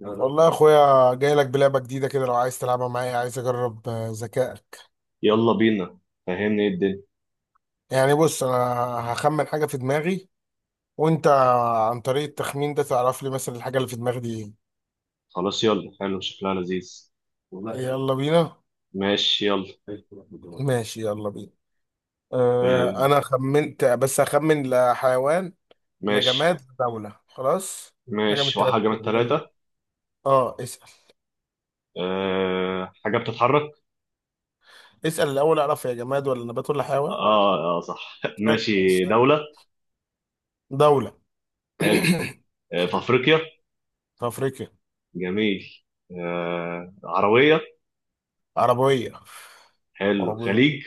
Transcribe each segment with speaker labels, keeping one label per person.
Speaker 1: والله يا اخويا، جاي لك بلعبه جديده كده. لو عايز تلعبها معايا، عايز اجرب ذكائك.
Speaker 2: يلا بينا. فهمني ايه الدنيا.
Speaker 1: يعني بص، انا هخمن حاجه في دماغي، وانت عن طريق التخمين ده تعرف لي مثلا الحاجه اللي في دماغي دي.
Speaker 2: خلاص، يلا. حلو، شكلها لذيذ.
Speaker 1: ايه والله حلو، يلا بينا.
Speaker 2: ماشي، يلا.
Speaker 1: ماشي يلا بينا.
Speaker 2: آه.
Speaker 1: انا خمنت، بس هخمن. لا حيوان، لا
Speaker 2: ماشي،
Speaker 1: جماد، لا دولة، خلاص. حاجه من
Speaker 2: ماشي،
Speaker 1: الثلاثه
Speaker 2: واحد من
Speaker 1: دول، يلا.
Speaker 2: التلاتة.
Speaker 1: اه اسال.
Speaker 2: أه، حاجة بتتحرك.
Speaker 1: اسال الاول اعرف، يا جماد ولا نبات ولا حيوان.
Speaker 2: اه، اه، صح.
Speaker 1: اسال
Speaker 2: ماشي،
Speaker 1: اسال.
Speaker 2: دولة.
Speaker 1: دوله.
Speaker 2: حلو. أه، في أفريقيا.
Speaker 1: في افريقيا.
Speaker 2: جميل. أه، عربية.
Speaker 1: عربيه.
Speaker 2: حلو، خليج.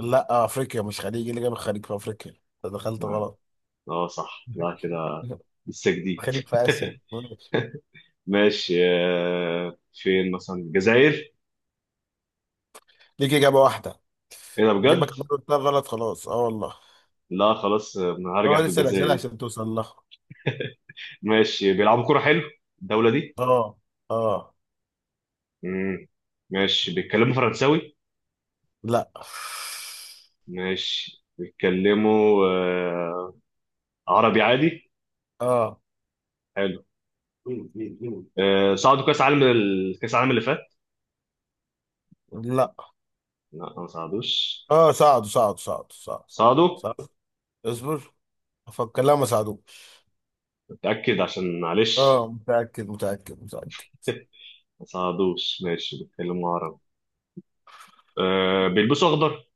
Speaker 1: لا، افريقيا مش خليج، إيه اللي جاب الخليج في افريقيا؟ انت دخلت
Speaker 2: نعم.
Speaker 1: غلط.
Speaker 2: اه، صح، لا كده. لسه جديد.
Speaker 1: خليج في اسيا، ماشي،
Speaker 2: ماشي، فين مثلا الجزائر؟
Speaker 1: ليك اجابه واحده.
Speaker 2: ايه ده بجد؟
Speaker 1: جابك مره اتنين غلط خلاص، اه والله.
Speaker 2: لا خلاص،
Speaker 1: هو
Speaker 2: هرجع في
Speaker 1: لسه الاسئله
Speaker 2: الجزائر دي.
Speaker 1: عشان توصل لها.
Speaker 2: ماشي، بيلعبوا كرة، حلو الدولة دي.
Speaker 1: اه، اه،
Speaker 2: مم. ماشي، بيتكلموا فرنساوي.
Speaker 1: لا،
Speaker 2: ماشي، بيتكلموا عربي عادي.
Speaker 1: اه،
Speaker 2: حلو. صعدوا كاس عالم كاس العالم اللي فات.
Speaker 1: لا،
Speaker 2: لا، ما صعدوش.
Speaker 1: اه، صعدوا صعدوا صعدوا صعدوا
Speaker 2: صعدوا.
Speaker 1: صعدوا. اصبر افكر. لا ما صعدوش.
Speaker 2: متأكد؟ عشان معلش.
Speaker 1: اه، متاكد متاكد متاكد.
Speaker 2: ما صعدوش. ماشي، بيتكلموا عربي. بيلبسوا اخضر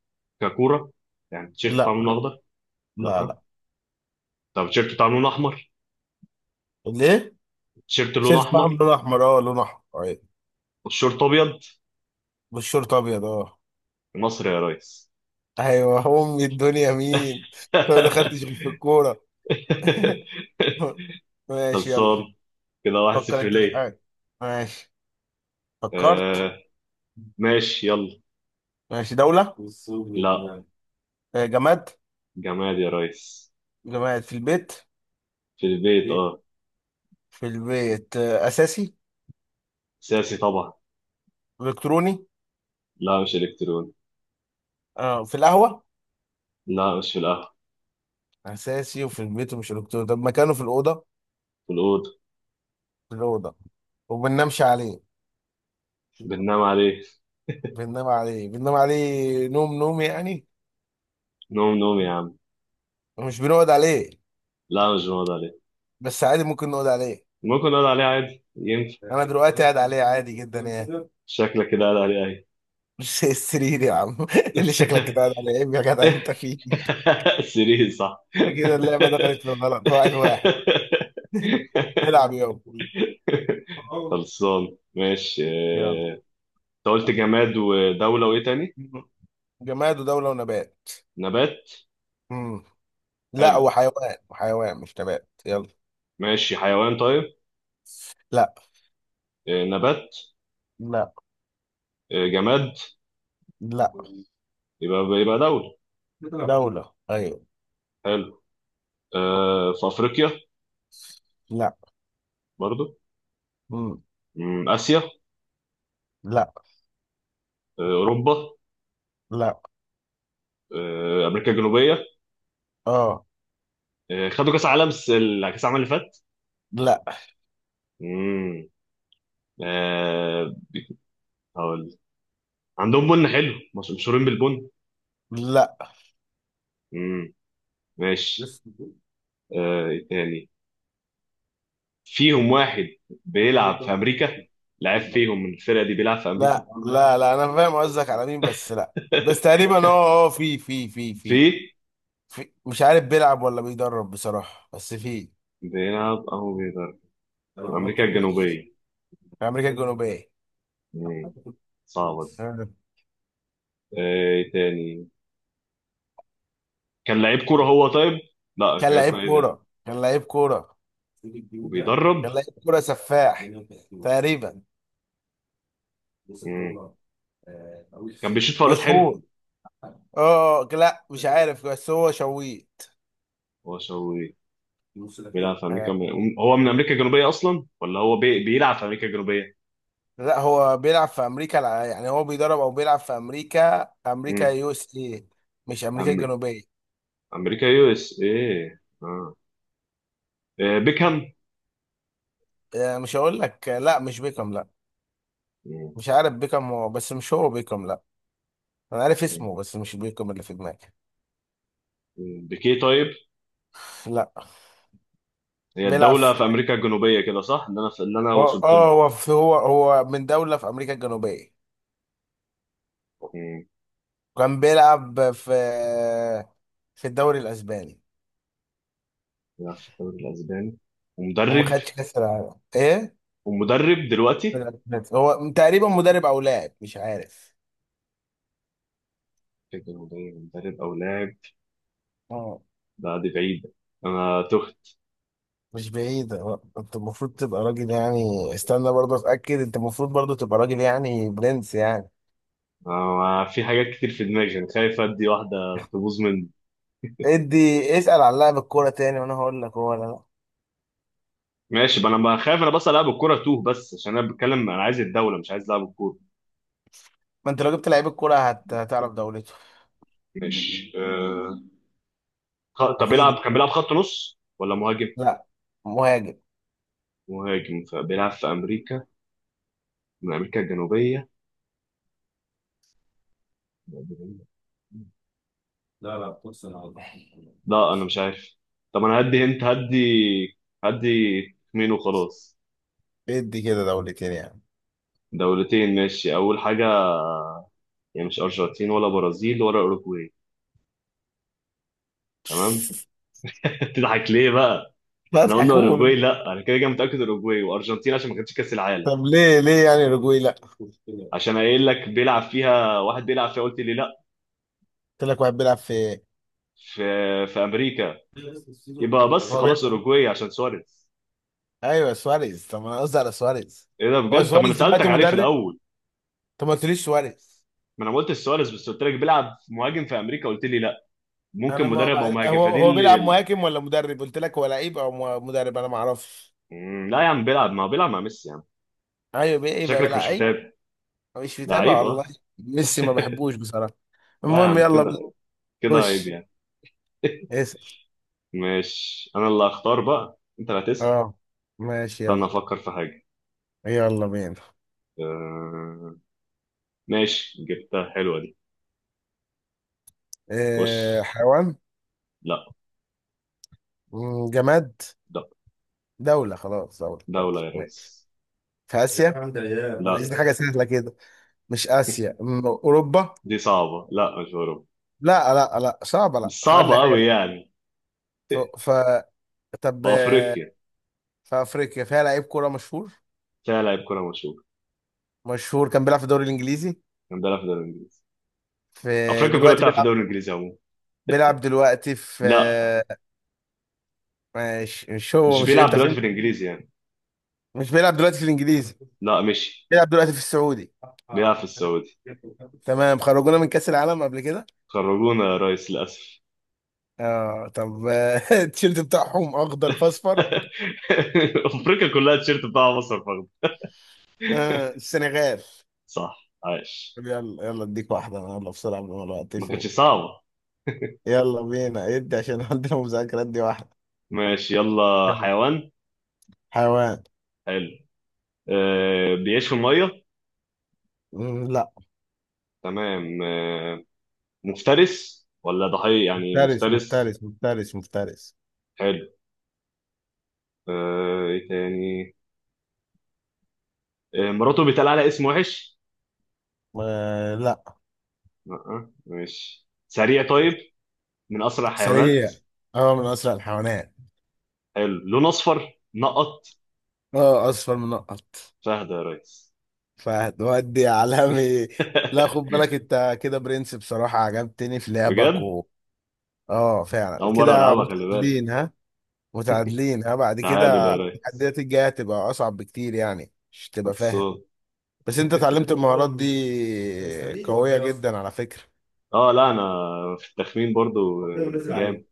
Speaker 2: ككورة، يعني التيشيرت بتاع
Speaker 1: لا،
Speaker 2: لونه اخضر.
Speaker 1: لا،
Speaker 2: لا.
Speaker 1: لا.
Speaker 2: طب التيشيرت بتاع لونه احمر؟
Speaker 1: ليه؟
Speaker 2: التيشيرت لونه
Speaker 1: شيرت بقى
Speaker 2: احمر
Speaker 1: لون احمر، لون احمر آه.
Speaker 2: والشورت ابيض.
Speaker 1: والشورت ابيض، اه.
Speaker 2: مصر يا ريس.
Speaker 1: ايوه، امي الدنيا مين؟ أنا ما دخلتش غير في الكوره. ماشي يلا،
Speaker 2: خلصان. كده واحد
Speaker 1: فكر
Speaker 2: صفر
Speaker 1: انت في
Speaker 2: ليه؟
Speaker 1: حاجه. ماشي، فكرت.
Speaker 2: آه، ماشي، يلا.
Speaker 1: ماشي، دوله.
Speaker 2: لا،
Speaker 1: جماد.
Speaker 2: جماد يا ريس.
Speaker 1: جماد في البيت.
Speaker 2: في البيت، اه.
Speaker 1: في البيت، اساسي.
Speaker 2: سياسي طبعا.
Speaker 1: الكتروني.
Speaker 2: لا، مش الكتروني.
Speaker 1: اه في القهوه.
Speaker 2: لا، مش في القهوة.
Speaker 1: اساسي وفي البيت ومش الكتروني، طب مكانه في الاوضه؟
Speaker 2: في الأوضة.
Speaker 1: في الاوضه. وبننامش عليه؟
Speaker 2: بننام عليه،
Speaker 1: بننام عليه، بننام عليه، نوم نوم يعني.
Speaker 2: نوم نوم يا عم.
Speaker 1: مش بنقعد عليه،
Speaker 2: لا، مش بنقعد عليه.
Speaker 1: بس عادي ممكن نقعد عليه.
Speaker 2: ممكن نقعد عليه عادي، ينفع.
Speaker 1: انا دلوقتي قاعد عليه عادي جدا يعني.
Speaker 2: شكلك كده قاعد عليه اهي.
Speaker 1: مش السرير يا عم اللي شكلك كده قاعد على عيب يا جدع انت فيه
Speaker 2: سرير، صح.
Speaker 1: كده اللعبة دخلت في الغلط، واحد واحد. العب يابا،
Speaker 2: خلصان. ماشي.
Speaker 1: يلا.
Speaker 2: انت قلت جماد ودولة وايه تاني؟
Speaker 1: جماد ودولة ونبات.
Speaker 2: نبات.
Speaker 1: مم. لا،
Speaker 2: حلو.
Speaker 1: وحيوان وحيوان مش نبات، يلا.
Speaker 2: ماشي، حيوان طيب.
Speaker 1: لا،
Speaker 2: نبات.
Speaker 1: لا،
Speaker 2: جماد.
Speaker 1: لا.
Speaker 2: يبقى دولة.
Speaker 1: دولة ايوه.
Speaker 2: حلو. آه، في أفريقيا.
Speaker 1: لا.
Speaker 2: برضو.
Speaker 1: مم.
Speaker 2: آسيا؟
Speaker 1: لا،
Speaker 2: آه، أوروبا؟
Speaker 1: لا،
Speaker 2: آه، أمريكا الجنوبية؟
Speaker 1: اه،
Speaker 2: آه، خدوا كأس عالم كأس العالم اللي فات.
Speaker 1: لا،
Speaker 2: مم. آه هقول عندهم بن حلو، مشهورين بالبن.
Speaker 1: لا،
Speaker 2: مم. ماشي. إيه تاني؟ فيهم واحد بيلعب في أمريكا، لعب فيهم من الفرقة دي بيلعب في أمريكا.
Speaker 1: لا، لا، لا انا فاهم قصدك على مين، بس لا. بس تقريبا، في في في في
Speaker 2: في.
Speaker 1: في مش عارف بيلعب ولا بيدرب بصراحة، بس في.
Speaker 2: بيلعب أو بيضرب، وأمريكا الجنوبية.
Speaker 1: في امريكا الجنوبيه.
Speaker 2: مم. صعبة دي.
Speaker 1: آه.
Speaker 2: آه إيه تاني؟ كان لعيب كوره هو طيب. لا، كان
Speaker 1: كان
Speaker 2: لعيب
Speaker 1: لعيب
Speaker 2: كوره، ايه ده؟
Speaker 1: كوره كان لعيب كوره
Speaker 2: وبيدرب.
Speaker 1: كان لعيب كوره سفاح تقريبا،
Speaker 2: مم. كان بيشوط فاولات، حلو.
Speaker 1: مشهور. اه لا مش عارف، بس هو شويت.
Speaker 2: هو شوي بيلعب في
Speaker 1: آه،
Speaker 2: امريكا هو من امريكا الجنوبيه اصلا، ولا هو بيلعب في امريكا الجنوبيه.
Speaker 1: لا، هو بيلعب في امريكا يعني هو بيدرب او بيلعب في امريكا
Speaker 2: مم.
Speaker 1: USA. مش امريكا
Speaker 2: أمر...
Speaker 1: الجنوبيه.
Speaker 2: امريكا يو اس ايه، اه. بيكهام.
Speaker 1: مش هقول لك، لا مش بيكم، لا.
Speaker 2: مم.
Speaker 1: مش عارف بيكم هو، بس مش هو بيكم. لا، انا عارف
Speaker 2: مم.
Speaker 1: اسمه بس مش بيكم اللي في دماغي.
Speaker 2: بيكيه طيب.
Speaker 1: لا،
Speaker 2: هي
Speaker 1: بيلعب
Speaker 2: الدوله في
Speaker 1: في-
Speaker 2: امريكا الجنوبيه كده صح، اللي انا
Speaker 1: اه
Speaker 2: وصلت له.
Speaker 1: آه، هو في- هو هو من دوله في امريكا الجنوبيه.
Speaker 2: مم.
Speaker 1: وكان بيلعب في الدوري الاسباني.
Speaker 2: بيلعب في الدوري الاسباني
Speaker 1: وما
Speaker 2: ومدرب.
Speaker 1: خدش كاس العالم، ايه؟
Speaker 2: ومدرب دلوقتي.
Speaker 1: هو تقريبا مدرب او لاعب، مش عارف.
Speaker 2: فكرة مدرب او لاعب.
Speaker 1: اه.
Speaker 2: ده دي بعيد. انا تهت.
Speaker 1: مش بعيد هو، انت المفروض تبقى راجل يعني، استنى برضه اتاكد، انت المفروض برضه تبقى راجل يعني برنس يعني.
Speaker 2: أنا في حاجات كتير في دماغي، انا خايف ادي واحده تبوظ مني.
Speaker 1: ادي. اسال عن لاعب الكوره تاني وانا هقول لك هو ولا لا.
Speaker 2: ماشي بقى، انا بقى خايف. انا بس العب الكوره توه، بس عشان انا بتكلم انا عايز الدوله مش عايز العب الكوره.
Speaker 1: ما انت لو جبت لعيب الكوره هتعرف دولته.
Speaker 2: ماشي. طب
Speaker 1: اكيد.
Speaker 2: كان بيلعب خط نص ولا مهاجم؟
Speaker 1: لا، مهاجم.
Speaker 2: مهاجم فبيلعب في امريكا من امريكا الجنوبيه. لا، انا مش عارف. طب انا هدي، انت هدي مين وخلاص.
Speaker 1: ادي كده دولتين يعني.
Speaker 2: دولتين، ماشي اول حاجه. يعني مش ارجنتين ولا برازيل ولا اوروجواي. تمام. تضحك ليه بقى؟ احنا
Speaker 1: بضحك،
Speaker 2: قلنا اوروجواي؟
Speaker 1: قول.
Speaker 2: لا، انا كده كده متاكد اوروجواي وارجنتين عشان ما كانتش كاس العالم.
Speaker 1: طب ليه، ليه يعني رجوي لا؟
Speaker 2: عشان قايل لك بيلعب فيها واحد، بيلعب فيها قلت لي لا.
Speaker 1: قلت لك واحد بيلعب في.
Speaker 2: في في امريكا. يبقى
Speaker 1: هو
Speaker 2: بس خلاص
Speaker 1: بيلعب.
Speaker 2: اوروجواي عشان سواريز.
Speaker 1: ايوه سواريز، طب ما انا قصدي على سواريز.
Speaker 2: ايه ده
Speaker 1: هو
Speaker 2: بجد؟ طب ما انا
Speaker 1: سواريز
Speaker 2: سالتك
Speaker 1: دلوقتي
Speaker 2: عليه في
Speaker 1: مدرب،
Speaker 2: الاول.
Speaker 1: طب ما قلتليش سواريز.
Speaker 2: ما انا ما قلتش سواريز، بس قلت لك بيلعب مهاجم في امريكا، قلت لي لا.
Speaker 1: انا
Speaker 2: ممكن
Speaker 1: ما
Speaker 2: مدرب او
Speaker 1: بع-
Speaker 2: مهاجم،
Speaker 1: هو
Speaker 2: فدي
Speaker 1: هو بيلعب
Speaker 2: اللي.
Speaker 1: مهاجم ولا مدرب؟ قلت لك هو لعيب او مدرب، انا ما اعرفش.
Speaker 2: لا يا عم، بيلعب، ما هو بيلعب مع ميسي يا عم.
Speaker 1: ايوه ايه بقى
Speaker 2: شكلك
Speaker 1: بيلعب
Speaker 2: مش
Speaker 1: اي؟
Speaker 2: متابع.
Speaker 1: مش
Speaker 2: ده
Speaker 1: متابع
Speaker 2: عيب، اه.
Speaker 1: والله. ميسي ما بحبوش بصراحه،
Speaker 2: لا يا
Speaker 1: المهم
Speaker 2: عم،
Speaker 1: يلا.
Speaker 2: كده كده عيب
Speaker 1: خش،
Speaker 2: يعني.
Speaker 1: اسال.
Speaker 2: ماشي، انا اللي هختار بقى، انت اللي هتسال.
Speaker 1: اه ماشي،
Speaker 2: استنى
Speaker 1: يلا.
Speaker 2: افكر في حاجه.
Speaker 1: يلا بينا.
Speaker 2: أه... ماشي، جبتها حلوة دي. خش.
Speaker 1: إيه؟ حيوان؟
Speaker 2: لا،
Speaker 1: جماد؟
Speaker 2: لا،
Speaker 1: دولة خلاص، دولة دولة
Speaker 2: دولة يا
Speaker 1: ماشي.
Speaker 2: ريس.
Speaker 1: في اسيا؟ عايزين
Speaker 2: لا،
Speaker 1: ايام حاجه سهله كده. مش اسيا، اوروبا؟
Speaker 2: دي صعبة، لا مش أوروبا.
Speaker 1: لا، لا، لا، صعبه، لا
Speaker 2: مش
Speaker 1: خلي
Speaker 2: صعبة
Speaker 1: حاجه
Speaker 2: أوي
Speaker 1: كده.
Speaker 2: يعني. في
Speaker 1: ف... ف... طب
Speaker 2: أفريقيا.
Speaker 1: في افريقيا فيها لعيب كوره مشهور.
Speaker 2: فيها لاعب كرة مشهور.
Speaker 1: مشهور، كان بيلعب في الدوري الانجليزي.
Speaker 2: كان بيلعب في الدوري الإنجليزي.
Speaker 1: في
Speaker 2: أفريقيا كلها
Speaker 1: دلوقتي
Speaker 2: بتلعب في
Speaker 1: بيلعب
Speaker 2: الدوري الإنجليزي عموما.
Speaker 1: بيلعب دلوقتي في
Speaker 2: لا،
Speaker 1: مش هو،
Speaker 2: مش
Speaker 1: مش
Speaker 2: بيلعب
Speaker 1: انت
Speaker 2: دلوقتي
Speaker 1: فهمت.
Speaker 2: في الإنجليزي يعني.
Speaker 1: مش بيلعب دلوقتي في الانجليزي،
Speaker 2: لا، مشي.
Speaker 1: بيلعب دلوقتي في السعودي.
Speaker 2: بيلعب في السعودي.
Speaker 1: تمام. خرجونا من كاس العالم قبل كده.
Speaker 2: خرجونا يا ريس للأسف.
Speaker 1: اه، طب التيشيرت بتاعهم اخضر في اصفر.
Speaker 2: أفريقيا كلها التيشيرت بتاع مصر فخد.
Speaker 1: السنغال.
Speaker 2: صح، عايش.
Speaker 1: يلا يلا اديك واحدة انا، يلا بسرعة قبل ما الوقت
Speaker 2: ما كانتش
Speaker 1: يفوق.
Speaker 2: صعبة.
Speaker 1: يلا بينا، ادي عشان عندنا مذاكرات. دي واحدة.
Speaker 2: ماشي، يلا،
Speaker 1: يلا.
Speaker 2: حيوان.
Speaker 1: حيوان.
Speaker 2: حلو. أه، بيعيش في المية.
Speaker 1: لا.
Speaker 2: تمام. مفترس ولا ضحية؟ يعني
Speaker 1: مفترس
Speaker 2: مفترس.
Speaker 1: مفترس مفترس مفترس.
Speaker 2: حلو. ايه تاني؟ مراته بيتقال على اسم وحش.
Speaker 1: آه لا،
Speaker 2: لا. ماشي، سريع طيب. من اسرع الحيوانات.
Speaker 1: سريع. هو من أسرع الحيوانات.
Speaker 2: حلو، لون اصفر نقط.
Speaker 1: اه، أصفر من نقط.
Speaker 2: فهد يا ريس.
Speaker 1: فهتودي يا عالمي. لا، خد بالك انت كده برنس بصراحة، عجبتني في لعبك
Speaker 2: بجد؟
Speaker 1: و... اه فعلا
Speaker 2: اول مره
Speaker 1: كده.
Speaker 2: العبها، خلي بالك.
Speaker 1: متعادلين ها، متعادلين ها. بعد
Speaker 2: تعادل
Speaker 1: كده
Speaker 2: يا ريس.
Speaker 1: التحديات الجاية هتبقى أصعب بكتير، يعني مش تبقى فاهم.
Speaker 2: خلصان.
Speaker 1: بس انت اتعلمت المهارات، بس دي قوية جدا على فكرة.
Speaker 2: اه، لا، انا في التخمين برضو جامد.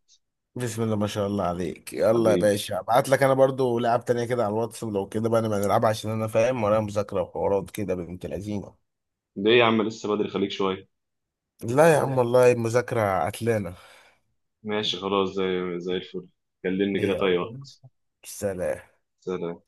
Speaker 1: بسم الله ما شاء الله عليك. يلا يا
Speaker 2: حبيبي.
Speaker 1: باشا، ابعت لك انا برضو لعب تانية كده على الواتس. لو كده بقى نبقى نلعبها، عشان انا فاهم ورايا مذاكرة وحوارات كده بنت لذينة.
Speaker 2: ده ايه يا عم؟ لسه بدري، خليك شويه.
Speaker 1: لا يا عم، والله المذاكرة قتلانة.
Speaker 2: ماشي، خلاص، زي الفل. كلمني
Speaker 1: ايه
Speaker 2: كده
Speaker 1: يا
Speaker 2: في اي
Speaker 1: رب.
Speaker 2: وقت.
Speaker 1: سلام.
Speaker 2: سلام.